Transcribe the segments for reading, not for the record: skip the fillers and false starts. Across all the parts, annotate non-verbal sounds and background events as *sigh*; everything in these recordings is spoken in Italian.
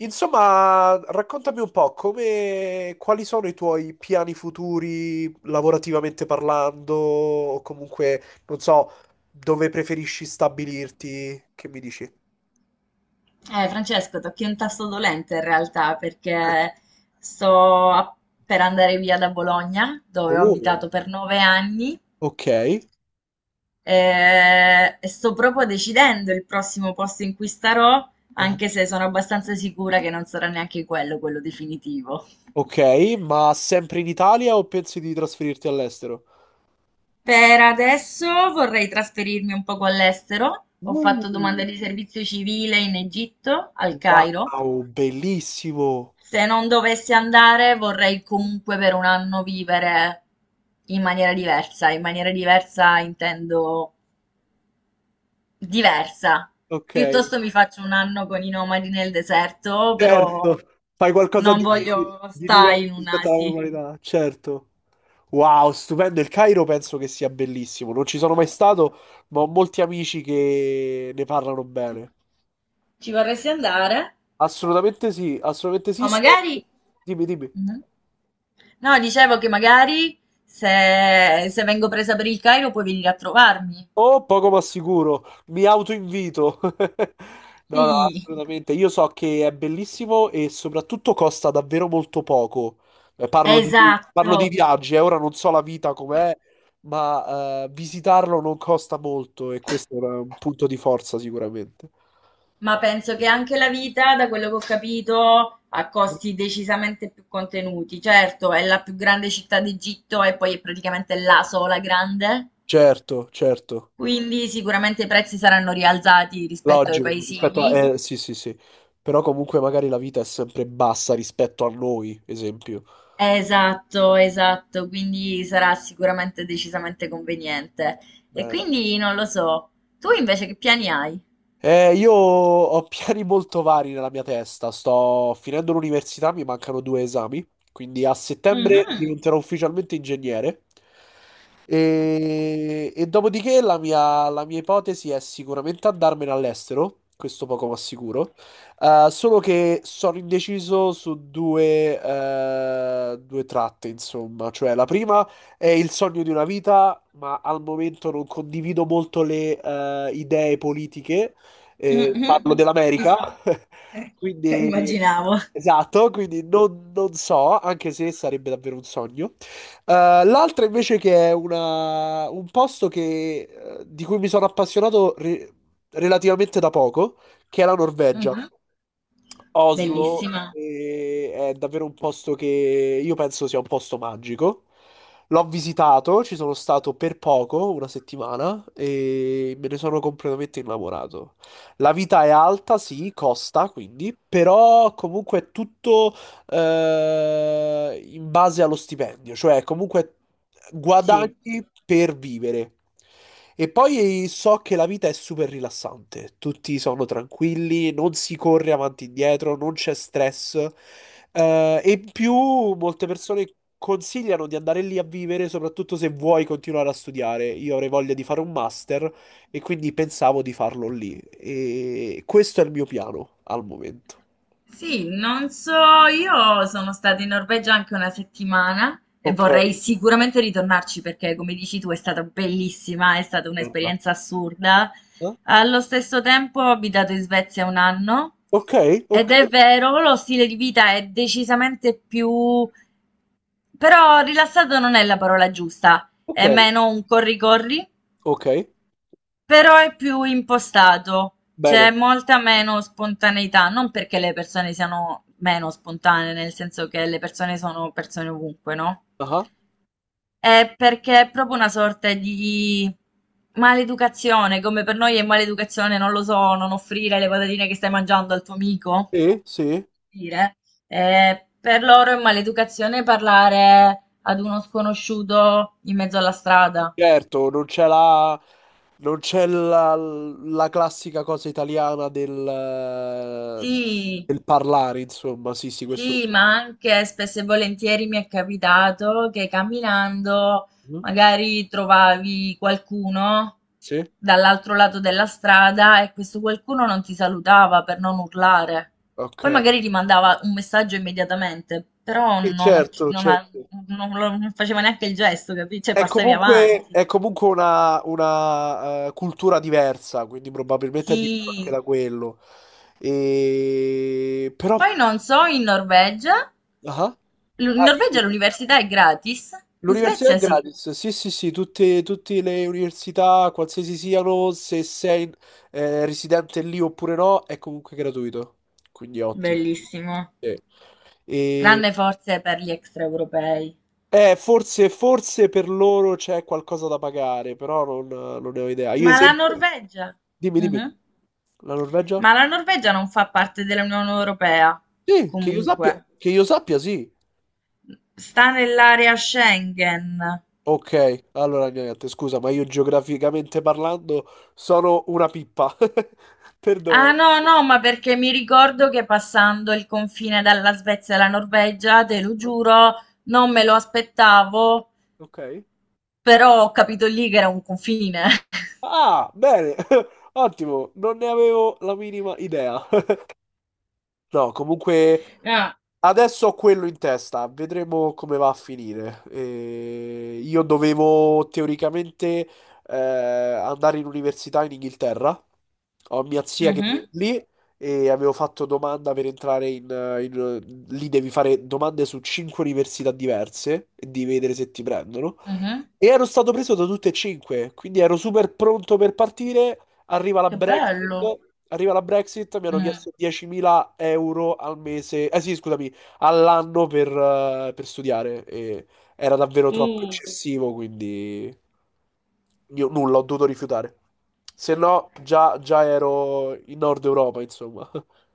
Insomma, raccontami un po' come, quali sono i tuoi piani futuri lavorativamente parlando, o comunque, non so, dove preferisci stabilirti, che mi dici? Francesco, tocchi un tasto dolente in realtà perché sto a- per andare via da Bologna, dove ho Oh, abitato per 9 anni, ok. E sto proprio decidendo il prossimo posto in cui starò, Ah, anche se sono abbastanza sicura che non sarà neanche quello definitivo. ok, ma sempre in Italia o pensi di trasferirti all'estero? Per adesso vorrei trasferirmi un poco all'estero. Ho Uh, fatto domanda di servizio civile in Egitto, al Cairo. wow, bellissimo. Se non dovessi andare, vorrei comunque per un anno vivere in maniera diversa. In maniera diversa intendo diversa. Ok, Piuttosto mi faccio un anno con i nomadi nel deserto, però certo. Fai qualcosa non di, voglio di stare diverso in rispetto alla un'asi. normalità, certo. Wow, stupendo. Il Cairo penso che sia bellissimo. Non ci sono mai stato, ma ho molti amici che ne parlano bene. Ci vorresti andare? Assolutamente sì, assolutamente O sì. Magari... Dimmi, dimmi. Mhm. No, dicevo che magari se vengo presa per il Cairo puoi venire a trovarmi. Oh, poco ma sicuro. Mi autoinvito. *laughs* No, no, Sì, assolutamente. Io so che è bellissimo e soprattutto costa davvero molto poco. Parlo di esatto. viaggi, ora non so la vita com'è, ma visitarlo non costa molto e questo è un punto di forza sicuramente. Ma penso che anche la vita, da quello che ho capito, ha costi decisamente più contenuti. Certo, è la più grande città d'Egitto e poi è praticamente la sola grande, Certo, certo, quindi sicuramente i prezzi saranno rialzati rispetto ai logico, paesini. Capito? Sì, sì, sì, però comunque magari la vita è sempre bassa rispetto a noi, esempio. Esatto, esatto, quindi sarà sicuramente decisamente conveniente. E Eh, quindi non lo so. Tu invece che piani hai? io ho *laughs* piani molto vari nella mia testa. Sto finendo l'università, mi mancano due esami, quindi a settembre Mhm, diventerò ufficialmente ingegnere. E dopodiché la mia ipotesi è sicuramente andarmene all'estero, questo poco ma sicuro. Solo che sono indeciso su due tratte, insomma. Cioè, la prima è il sogno di una vita, ma al momento non condivido molto le idee politiche, mhm. parlo Is- dell'America. *laughs* *laughs* Quindi Immaginavo. esatto, quindi non so, anche se sarebbe davvero un sogno. L'altra invece che è un posto di cui mi sono appassionato relativamente da poco, che è la Norvegia. Mhm. Oslo Bellissima. È davvero un posto che io penso sia un posto magico. L'ho visitato, ci sono stato per poco, una settimana, e me ne sono completamente innamorato. La vita è alta, sì, costa, quindi, però comunque è tutto in base allo stipendio, cioè comunque guadagni Sì. per vivere. E poi so che la vita è super rilassante, tutti sono tranquilli, non si corre avanti e indietro, non c'è stress. E in più molte persone consigliano di andare lì a vivere, soprattutto se vuoi continuare a studiare. Io avrei voglia di fare un master, e quindi pensavo di farlo lì. E questo è il mio piano al momento. Sì, non so, io sono stata in Norvegia anche una settimana e Ok, vorrei sicuramente ritornarci perché, come dici tu, è stata bellissima, è stata aspetta. un'esperienza assurda. Eh? Allo stesso tempo ho abitato in Svezia un anno Ok, ok, ed è vero, lo stile di vita è decisamente più... però rilassato non è la parola giusta, ok, è meno un corri-corri ok, però è più impostato, c'è bene. molta meno spontaneità, non perché le persone siano meno spontanee, nel senso che le persone sono persone ovunque, no? Ah, È perché è proprio una sorta di maleducazione, come per noi è maleducazione, non lo so, non offrire le patatine che stai mangiando al tuo amico, sì, sì. dire. Per loro è maleducazione parlare ad uno sconosciuto in mezzo alla strada. Certo, non c'è la classica cosa italiana eh, Sì. del parlare, insomma. Sì, sì, questo lo Sì, so. ma anche spesso e volentieri mi è capitato che camminando Mhm. magari trovavi qualcuno Sì, dall'altro lato della strada e questo qualcuno non ti salutava per non urlare. Poi ok. magari ti mandava un messaggio immediatamente, però Sì, non, certo, certo. Non faceva neanche il gesto, capisci? Cioè È passavi comunque, avanti. è comunque una cultura diversa, quindi probabilmente è diverso anche Sì. da quello. E. Però. Poi non so, in Norvegia, Ah, in ah, Norvegia dici tu. l'università è gratis, in L'università è Svezia sì. gratis, sì, sì, sì, tutte le università, qualsiasi siano, se sei residente lì oppure no, è comunque gratuito, quindi è ottimo. Bellissimo. Sì. E. Tranne forse per gli extraeuropei. Forse, forse per loro c'è qualcosa da pagare, però non ne ho idea. Io Ma la esempio. Norvegia? Dimmi, dimmi. Mhm. La Norvegia? Ma la Norvegia non fa parte dell'Unione Europea, Sì, comunque. che io sappia, sì. Sta nell'area Schengen. Ok, allora niente, scusa, ma io geograficamente parlando sono una pippa. *laughs* Perdona. Eh? Ah no, no, ma perché mi ricordo che passando il confine dalla Svezia alla Norvegia, te lo giuro, Sì, non me lo aspettavo, ok. però ho capito lì che era un confine. *laughs* Ah, bene, *laughs* ottimo, non ne avevo la minima idea. *laughs* No, comunque, Ah, adesso ho quello in testa, vedremo come va a finire. Io dovevo teoricamente andare in università in Inghilterra. Ho mia zia che vive mhm, lì e avevo fatto domanda per entrare lì devi fare domande su cinque università diverse e devi vedere se ti prendono. mhm. E ero stato preso da tutte e cinque, quindi ero super pronto per partire. Arriva la Che Brexit, bello. arriva la Brexit, mi hanno Mm. chiesto 10.000 euro al mese, eh sì, scusami, all'anno per studiare. E era davvero troppo Uh. eccessivo, quindi io nulla, ho dovuto rifiutare. Se no, già, già ero in Nord Europa, insomma. *laughs*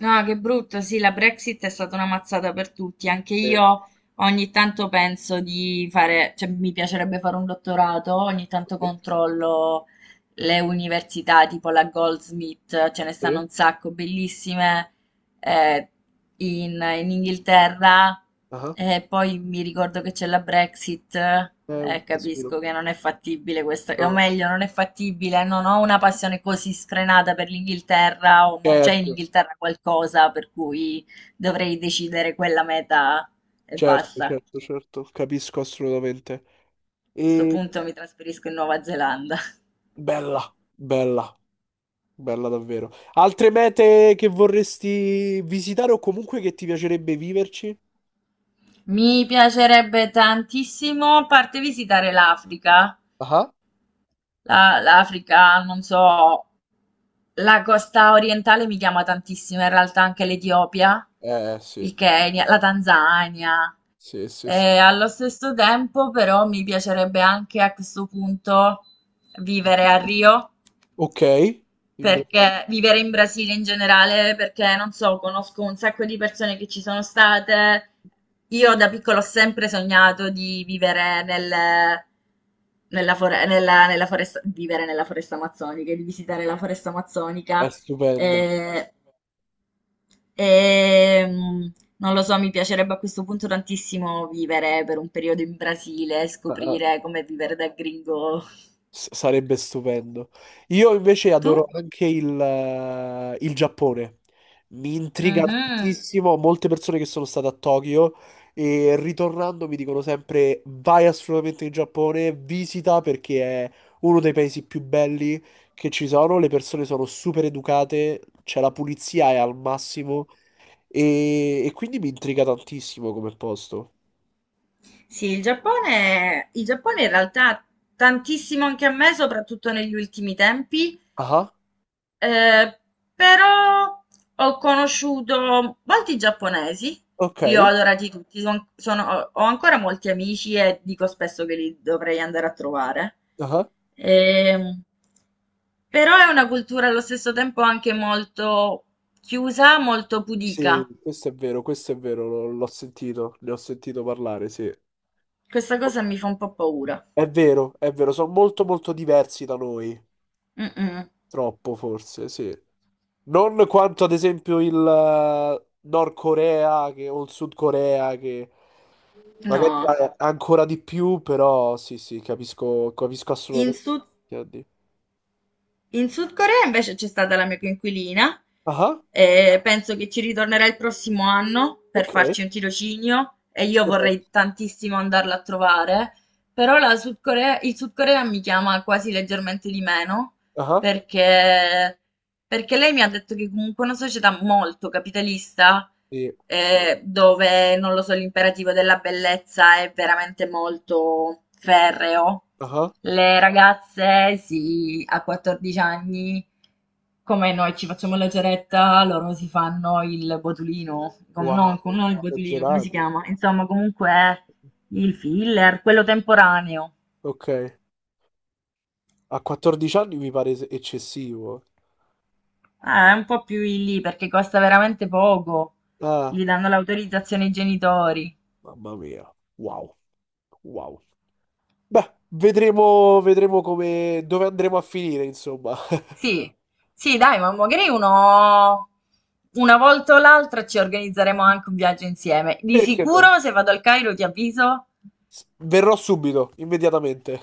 Ah, che brutto, sì, la Brexit è stata una mazzata per tutti. Anche Eh, io ogni tanto penso di fare, cioè mi piacerebbe fare un dottorato, ogni tanto eh, controllo le università tipo la Goldsmith, ce ne stanno eh, un sacco, bellissime, eh, in, in Inghilterra. ah, E poi mi ricordo che c'è la Brexit, È un casino. capisco che non è fattibile questa, o No, meglio, non è fattibile, non ho una passione così sfrenata per l'Inghilterra o non c'è in certo, Inghilterra qualcosa per cui dovrei decidere quella meta e certo, basta. A certo, certo, capisco assolutamente. questo E punto mi trasferisco in Nuova Zelanda. bella, bella, bella davvero. Altre mete che vorresti visitare o comunque che ti piacerebbe viverci? Mi piacerebbe tantissimo, a parte visitare l'Africa, Ah, l'Africa, non so, la costa orientale mi chiama tantissimo, in realtà anche l'Etiopia, eh sì, il Kenya, la Tanzania. sì, sì, sì. E allo stesso tempo, però, mi piacerebbe anche a questo punto vivere a Rio, Ok, In Bra- perché vivere in Brasile in generale, perché non so, conosco un sacco di persone che ci sono state. Io da piccola ho sempre sognato di vivere nella foresta, vivere nella foresta amazzonica, di visitare la foresta è amazzonica. stupenda. Eh, e, mm, non lo so, mi piacerebbe a questo punto tantissimo vivere per un periodo in Brasile, Ah, ah. scoprire come vivere da gringo. Sarebbe stupendo. Io invece adoro Tu? anche il Giappone. Mi intriga Mhm. tantissimo. Molte persone che sono state a Tokyo e ritornando mi dicono sempre: vai assolutamente in Giappone, visita perché è uno dei paesi più belli che ci sono. Le persone sono super educate, c'è la pulizia è al massimo e quindi mi intriga tantissimo come posto. Sì, il Giappone in realtà tantissimo anche a me, soprattutto negli ultimi tempi, Ah, eh, però ho conosciuto molti giapponesi, li ho ok. adorati tutti, ho ancora molti amici e dico spesso che li dovrei andare a trovare. Ehm, però è una cultura allo stesso tempo anche molto chiusa, molto Sì, pudica. Questo è vero, l'ho sentito, ne ho sentito parlare, sì. Questa cosa mi fa un po' paura. È vero, sono molto molto diversi da noi, Mm-mm. troppo forse, sì. Non quanto ad esempio il Nord Corea o il Sud Corea che magari No. è ancora di più, però sì, sì, capisco, capisco In assolutamente Sud... quello che intendi. In Sud Corea invece c'è stata la mia coinquilina Ah, e penso che ci ritornerà il prossimo anno per ok, farci un tirocinio e io vorrei perfetto. tantissimo andarla a trovare, però la Sud Corea, il Sud Corea mi chiama quasi leggermente di meno Ah, perché, perché, lei mi ha detto che comunque è una società molto capitalista sì, sì. Dove, non lo so, l'imperativo della bellezza è veramente molto ferreo. Ah, Le ragazze, sì, a 14 anni, come noi ci facciamo la ceretta, loro si fanno il botulino, wow, non il botulino, come si esagerato. chiama? Insomma, comunque il filler, quello temporaneo. Ok. A 14 anni mi pare eccessivo. È un po' più in lì perché costa veramente poco. Ah, Gli danno l'autorizzazione ai genitori. mamma mia. Wow. Wow. Beh, vedremo, vedremo come, dove andremo a finire, insomma. *laughs* Sì, sì, dai, ma magari uno... Una volta o l'altra ci organizzeremo anche un viaggio insieme. Di Perché no? sicuro, se vado al Cairo, ti avviso. Verrò subito, immediatamente.